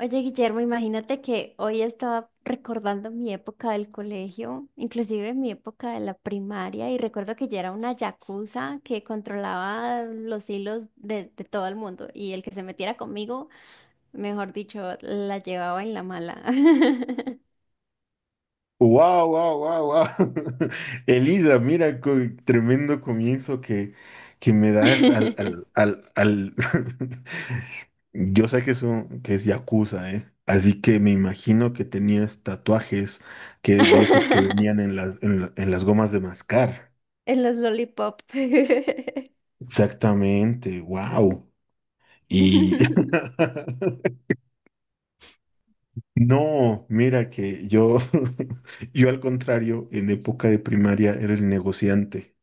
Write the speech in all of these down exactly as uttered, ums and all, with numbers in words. Oye, Guillermo, imagínate que hoy estaba recordando mi época del colegio, inclusive mi época de la primaria, y recuerdo que yo era una yakuza que controlaba los hilos de, de todo el mundo, y el que se metiera conmigo, mejor dicho, la llevaba en la mala. Wow, wow, wow, wow. Elisa, mira, co- tremendo comienzo que, que me das al, al, al, al... Yo sé que es un- que es yakuza, ¿eh? Así que me imagino que tenías tatuajes que de esos que venían en las, en la- en las gomas de mascar. En los lollipop. Exactamente, wow. Y no, mira que yo, yo al contrario, en época de primaria era el negociante.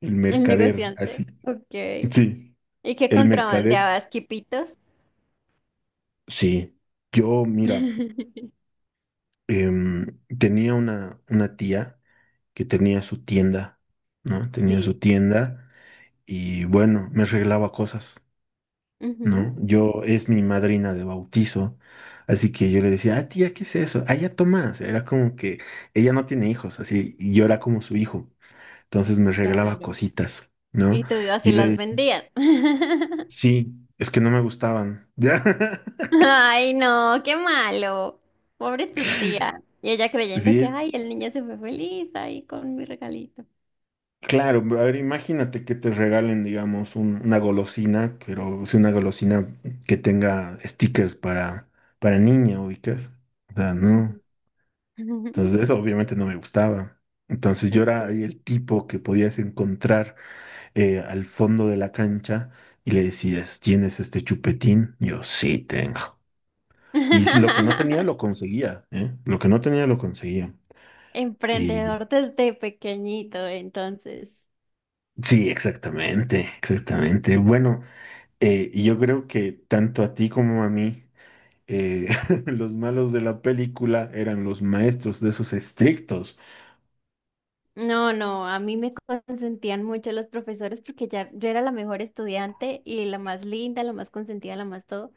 El El mercader, negociante. así. Ok. Sí, ¿Y qué el mercader, contrabandeabas, quipitos? sí. Yo, mira, em, tenía una, una tía que tenía su tienda, ¿no? Tenía su Sí. tienda y bueno, me arreglaba cosas, ¿no? Ujú. Yo es mi madrina de bautizo, así que yo le decía, ah, tía, ¿qué es eso? Ah, ya Tomás. Era como que ella no tiene hijos, así, y yo era como su hijo. Entonces me regalaba Claro. cositas, ¿no? Y tú ibas y Y yo le las decía, vendías. sí, es que no me gustaban. Ay, no, qué malo. Pobre tu tía. Y ella creyendo que, Sí, ay, el niño se fue feliz ahí con mi regalito. claro, a ver, imagínate que te regalen, digamos, un- una golosina, pero es una golosina que tenga stickers para, para niña, ubicas. O sea, Ujú. no. Entonces, eso obviamente no me gustaba. Entonces, yo Ok. era ahí el tipo que podías encontrar eh, al fondo de la cancha y le decías, ¿tienes este chupetín? Yo sí tengo. Y si lo que no tenía lo conseguía, ¿eh? Lo que no tenía lo conseguía. Y. Emprendedor desde pequeñito, entonces. Sí, exactamente, exactamente. Bueno, Eh, y yo creo que tanto a ti como a mí, eh, los malos de la película eran los maestros de esos estrictos. No, no, a mí me consentían mucho los profesores porque ya yo era la mejor estudiante y la más linda, la más consentida, la más todo.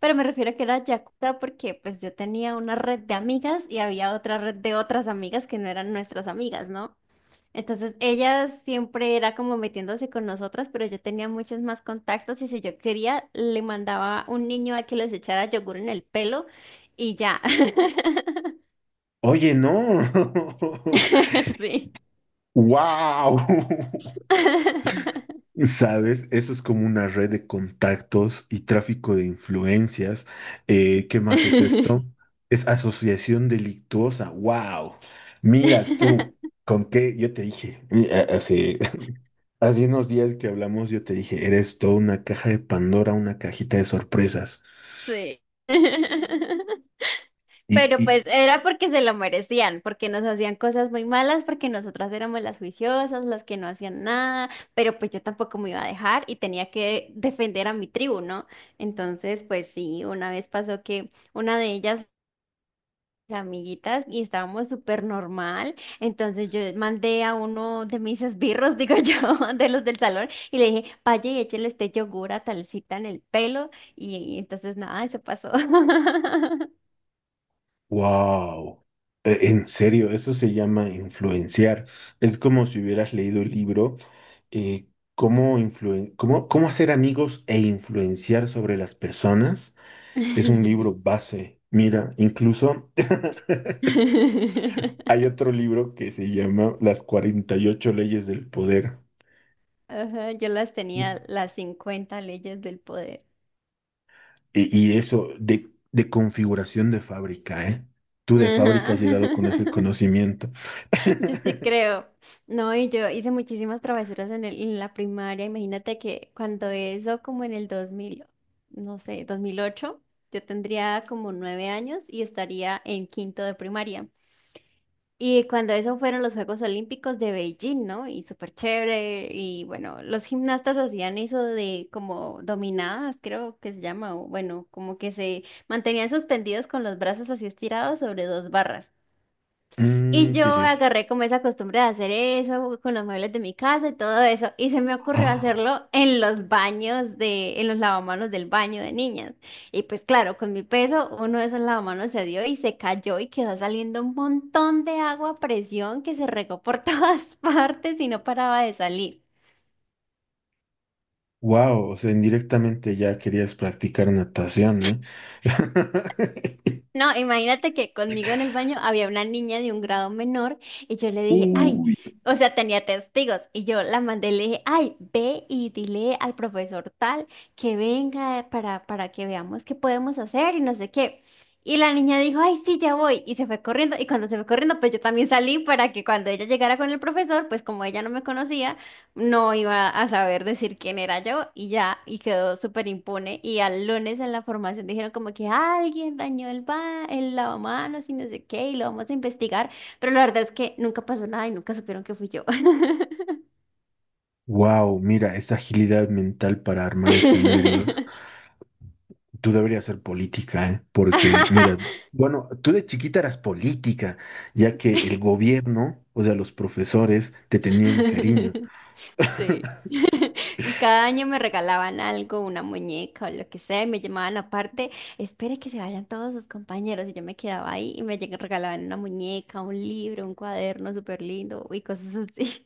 Pero me refiero a que era yakuza porque pues yo tenía una red de amigas y había otra red de otras amigas que no eran nuestras amigas, ¿no? Entonces ellas siempre era como metiéndose con nosotras, pero yo tenía muchos más contactos y si yo quería le mandaba un niño a que les echara yogur en el pelo y ya. Oye, no. Sí. ¡Wow! ¿Sabes? Eso es como una red de contactos y tráfico de influencias. Eh, ¿qué más es esto? Es asociación delictuosa. ¡Wow! Mira tú, con qué yo te dije eh, eh, hace, hace unos días que hablamos, yo te dije, eres toda una caja de Pandora, una cajita de sorpresas. Sí. Y, Pero y, pues era porque se lo merecían, porque nos hacían cosas muy malas, porque nosotras éramos las juiciosas, las que no hacían nada, pero pues yo tampoco me iba a dejar y tenía que defender a mi tribu, ¿no? Entonces, pues sí, una vez pasó que una de ellas amiguitas y estábamos súper normal. Entonces yo mandé a uno de mis esbirros, digo yo, de los del salón, y le dije, vaya y échele este yogur a talcita en el pelo. Y, y entonces nada, eso pasó. wow, en serio, eso se llama influenciar. Es como si hubieras leído el libro, eh, cómo, influen- cómo, cómo hacer amigos e influenciar sobre las personas. Es un libro base. Mira, incluso hay otro libro que se llama Las cuarenta y ocho leyes del poder. Ajá, yo las tenía las cincuenta leyes del poder. Y, y eso de, de configuración de fábrica, ¿eh? Tú de fábrica Ajá. has llegado con ese conocimiento. Yo sí creo. No, y yo hice muchísimas travesuras en el, en la primaria. Imagínate que cuando eso, como en el dos mil, no sé, dos mil ocho, yo tendría como nueve años y estaría en quinto de primaria. Y cuando eso fueron los Juegos Olímpicos de Beijing, ¿no? Y súper chévere. Y bueno, los gimnastas hacían eso de como dominadas, creo que se llama. O bueno, como que se mantenían suspendidos con los brazos así estirados sobre dos barras. Y Mm, yo sí, sí. agarré como esa costumbre de hacer eso con los muebles de mi casa y todo eso. Y se me ocurrió hacerlo en los baños de, en los lavamanos del baño de niñas. Y pues claro, con mi peso, uno de esos lavamanos se dio y se cayó y quedó saliendo un montón de agua a presión que se regó por todas partes y no paraba de salir. Wow, o sea, indirectamente ya querías practicar natación, ¿eh? No, imagínate que conmigo en el baño había una niña de un grado menor y yo le dije, ay, Uy. o sea, tenía testigos y yo la mandé y le dije, ay, ve y dile al profesor tal que venga para, para que veamos qué podemos hacer y no sé qué. Y la niña dijo, ay, sí, ya voy y se fue corriendo y cuando se fue corriendo, pues yo también salí para que cuando ella llegara con el profesor, pues como ella no me conocía, no iba a saber decir quién era yo y ya, y quedó súper impune. Y al lunes en la formación dijeron como que "Ah, alguien dañó el, ba el lavamanos y no sé qué, y lo vamos a investigar." Pero la verdad es que nunca pasó nada y nunca supieron que fui yo. Wow, mira, esa agilidad mental para armar escenarios. Tú deberías ser política, ¿eh? Porque, mira, bueno, tú de chiquita eras política, ya que el gobierno, o sea, los profesores, te tenían cariño. Sí. Y cada año me regalaban algo, una muñeca o lo que sea, y me llamaban aparte, espere que se vayan todos sus compañeros, y yo me quedaba ahí y me lleg- regalaban una muñeca, un libro, un cuaderno súper lindo y cosas así.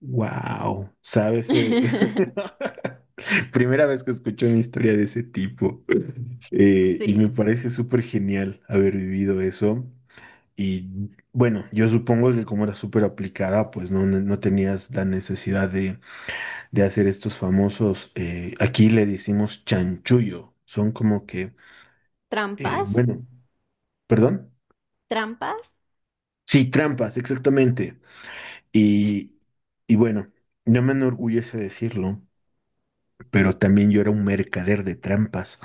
Wow, ¿sabes? Eh, primera vez que escucho una historia de ese tipo. Eh, y me Sí. parece súper genial haber vivido eso. Y bueno, yo supongo que como era súper aplicada, pues no, no no tenías la necesidad de, de hacer estos famosos, eh, aquí le decimos chanchullo. Son como que, eh, ¿Trampas? bueno, perdón. ¿Trampas? Sí, trampas, exactamente. Y, y bueno, no me enorgullece decirlo. Pero también yo era un mercader de trampas.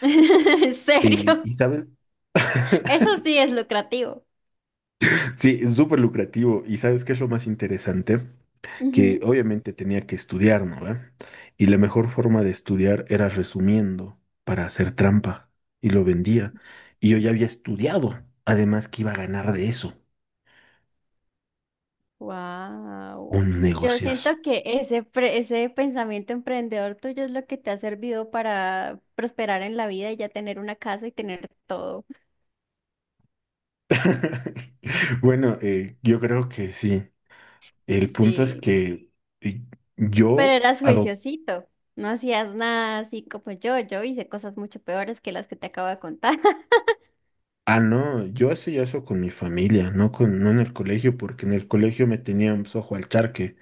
¿En Eh, serio? y sabes, Eso sí es lucrativo. sí, es súper lucrativo. ¿Y sabes qué es lo más interesante? Que Ujú. obviamente tenía que estudiar, ¿no? ¿Ve? Y la mejor forma de estudiar era resumiendo para hacer trampa. Y lo vendía. Y yo ya había estudiado. Además que iba a ganar de eso. Wow. Un Yo negociazo. siento que ese, pre- ese pensamiento emprendedor tuyo es lo que te ha servido para prosperar en la vida y ya tener una casa y tener todo. Bueno, eh, yo creo que sí. El punto es Sí. que eh, Pero yo eras juiciosito, no hacías nada así como yo. Yo hice cosas mucho peores que las que te acabo de contar. Ah, no, yo hacía eso con mi familia, no con, no en el colegio, porque en el colegio me tenían pues, ojo al charque.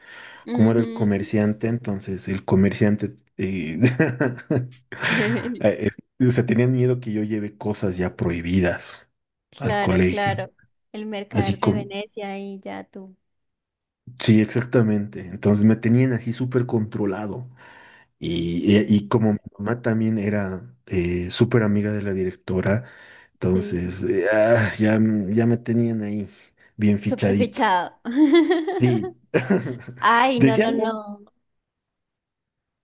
Como era el Ujú. comerciante, entonces el comerciante eh, eh, es- o sea, tenían miedo que yo lleve cosas ya prohibidas al Claro, colegio. claro. El mercader Así de como, Venecia y ya tú. sí, exactamente. Entonces me tenían así súper controlado. Y, y- y Mm, como mi mamá también era eh, súper amiga de la directora, sí. entonces eh, ah, ya, m- ya me tenían ahí bien Súper fichadito. fichado. Sí, Ay, no, decía no, algo, no.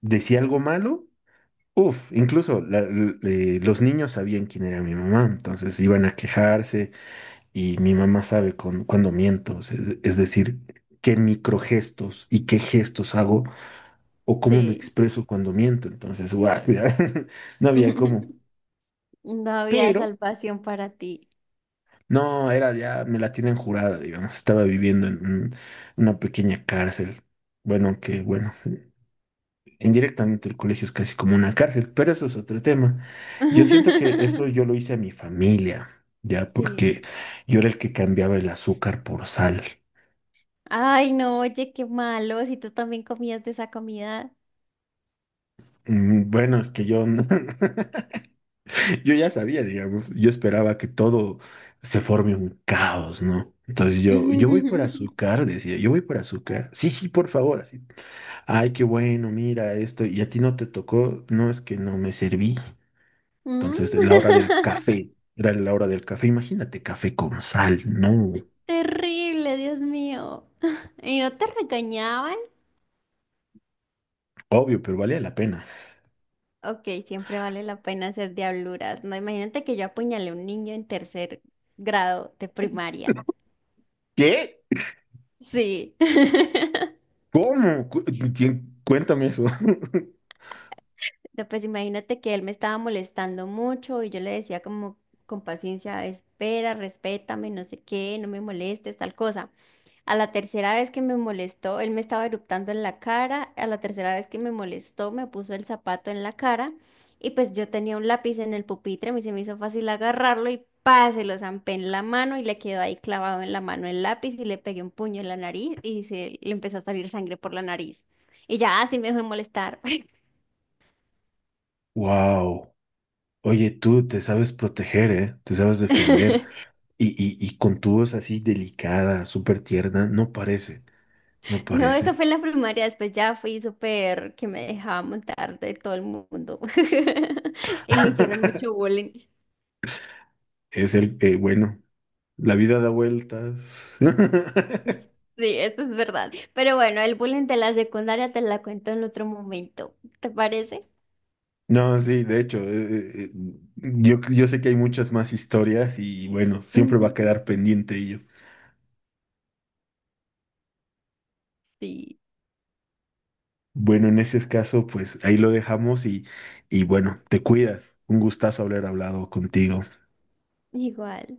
decía algo malo. Uf, incluso la- l- eh, los niños sabían quién era mi mamá, entonces iban a quejarse y mi mamá sabe con, cuando miento, o sea, es decir, qué microgestos y qué gestos hago o cómo me Sí. expreso cuando miento, entonces, guau, ya, no había cómo. No había Pero salvación para ti. no, era ya, me la tienen jurada, digamos, estaba viviendo en un- una pequeña cárcel. Bueno, que bueno, indirectamente el colegio es casi como una cárcel, pero eso es otro tema. Yo siento que eso yo lo hice a mi familia, ya, Sí. porque yo era el que cambiaba el azúcar por sal. Ay, no, oye, qué malo, si tú también comías de esa comida. Mm, bueno, es que yo, no- yo ya sabía, digamos, yo esperaba que todo se forme un caos, ¿no? Entonces yo, yo voy por azúcar, decía, yo voy por azúcar. Sí, sí, por favor, así ay, qué bueno, mira esto. Y a ti no te tocó, no es que no me serví. Mm. Entonces, la hora del café, era la hora del café. Imagínate, café con sal, no. Terrible, Dios mío. ¿Y no te regañaban? Obvio, pero valía la pena. Ok, siempre vale la pena hacer diabluras. No, imagínate que yo apuñalé a un niño en tercer grado de primaria. ¿Qué? Sí. ¿Cómo? Cu- ¿Quién? Cuéntame eso. No, pues imagínate que él me estaba molestando mucho y yo le decía como con paciencia, espera, respétame, no sé qué, no me molestes, tal cosa. A la tercera vez que me molestó, él me estaba eruptando en la cara, a la tercera vez que me molestó, me puso el zapato en la cara y pues yo tenía un lápiz en el pupitre, me se me hizo fácil agarrarlo y pa, se lo zampé en la mano y le quedó ahí clavado en la mano el lápiz y le pegué un puño en la nariz y se le empezó a salir sangre por la nariz. Y ya, así me dejó de molestar. Wow. Oye, tú te sabes proteger, ¿eh? Te sabes defender. Y, y, y con tu voz así delicada, súper tierna, no parece, no No, eso fue parece. en la primaria, después ya fui súper que me dejaba montar de todo el mundo. Y me hicieron mucho bullying. Es el, eh, bueno, la vida da vueltas. Sí, eso es verdad. Pero bueno, el bullying de la secundaria te la cuento en otro momento. ¿Te parece? No, sí, de hecho, eh, eh, eh, yo, yo sé que hay muchas más historias y bueno, siempre va a quedar pendiente ello. Sí, Bueno, en ese caso, pues ahí lo dejamos y, y bueno, te cuidas. Un gustazo haber hablado contigo. igual.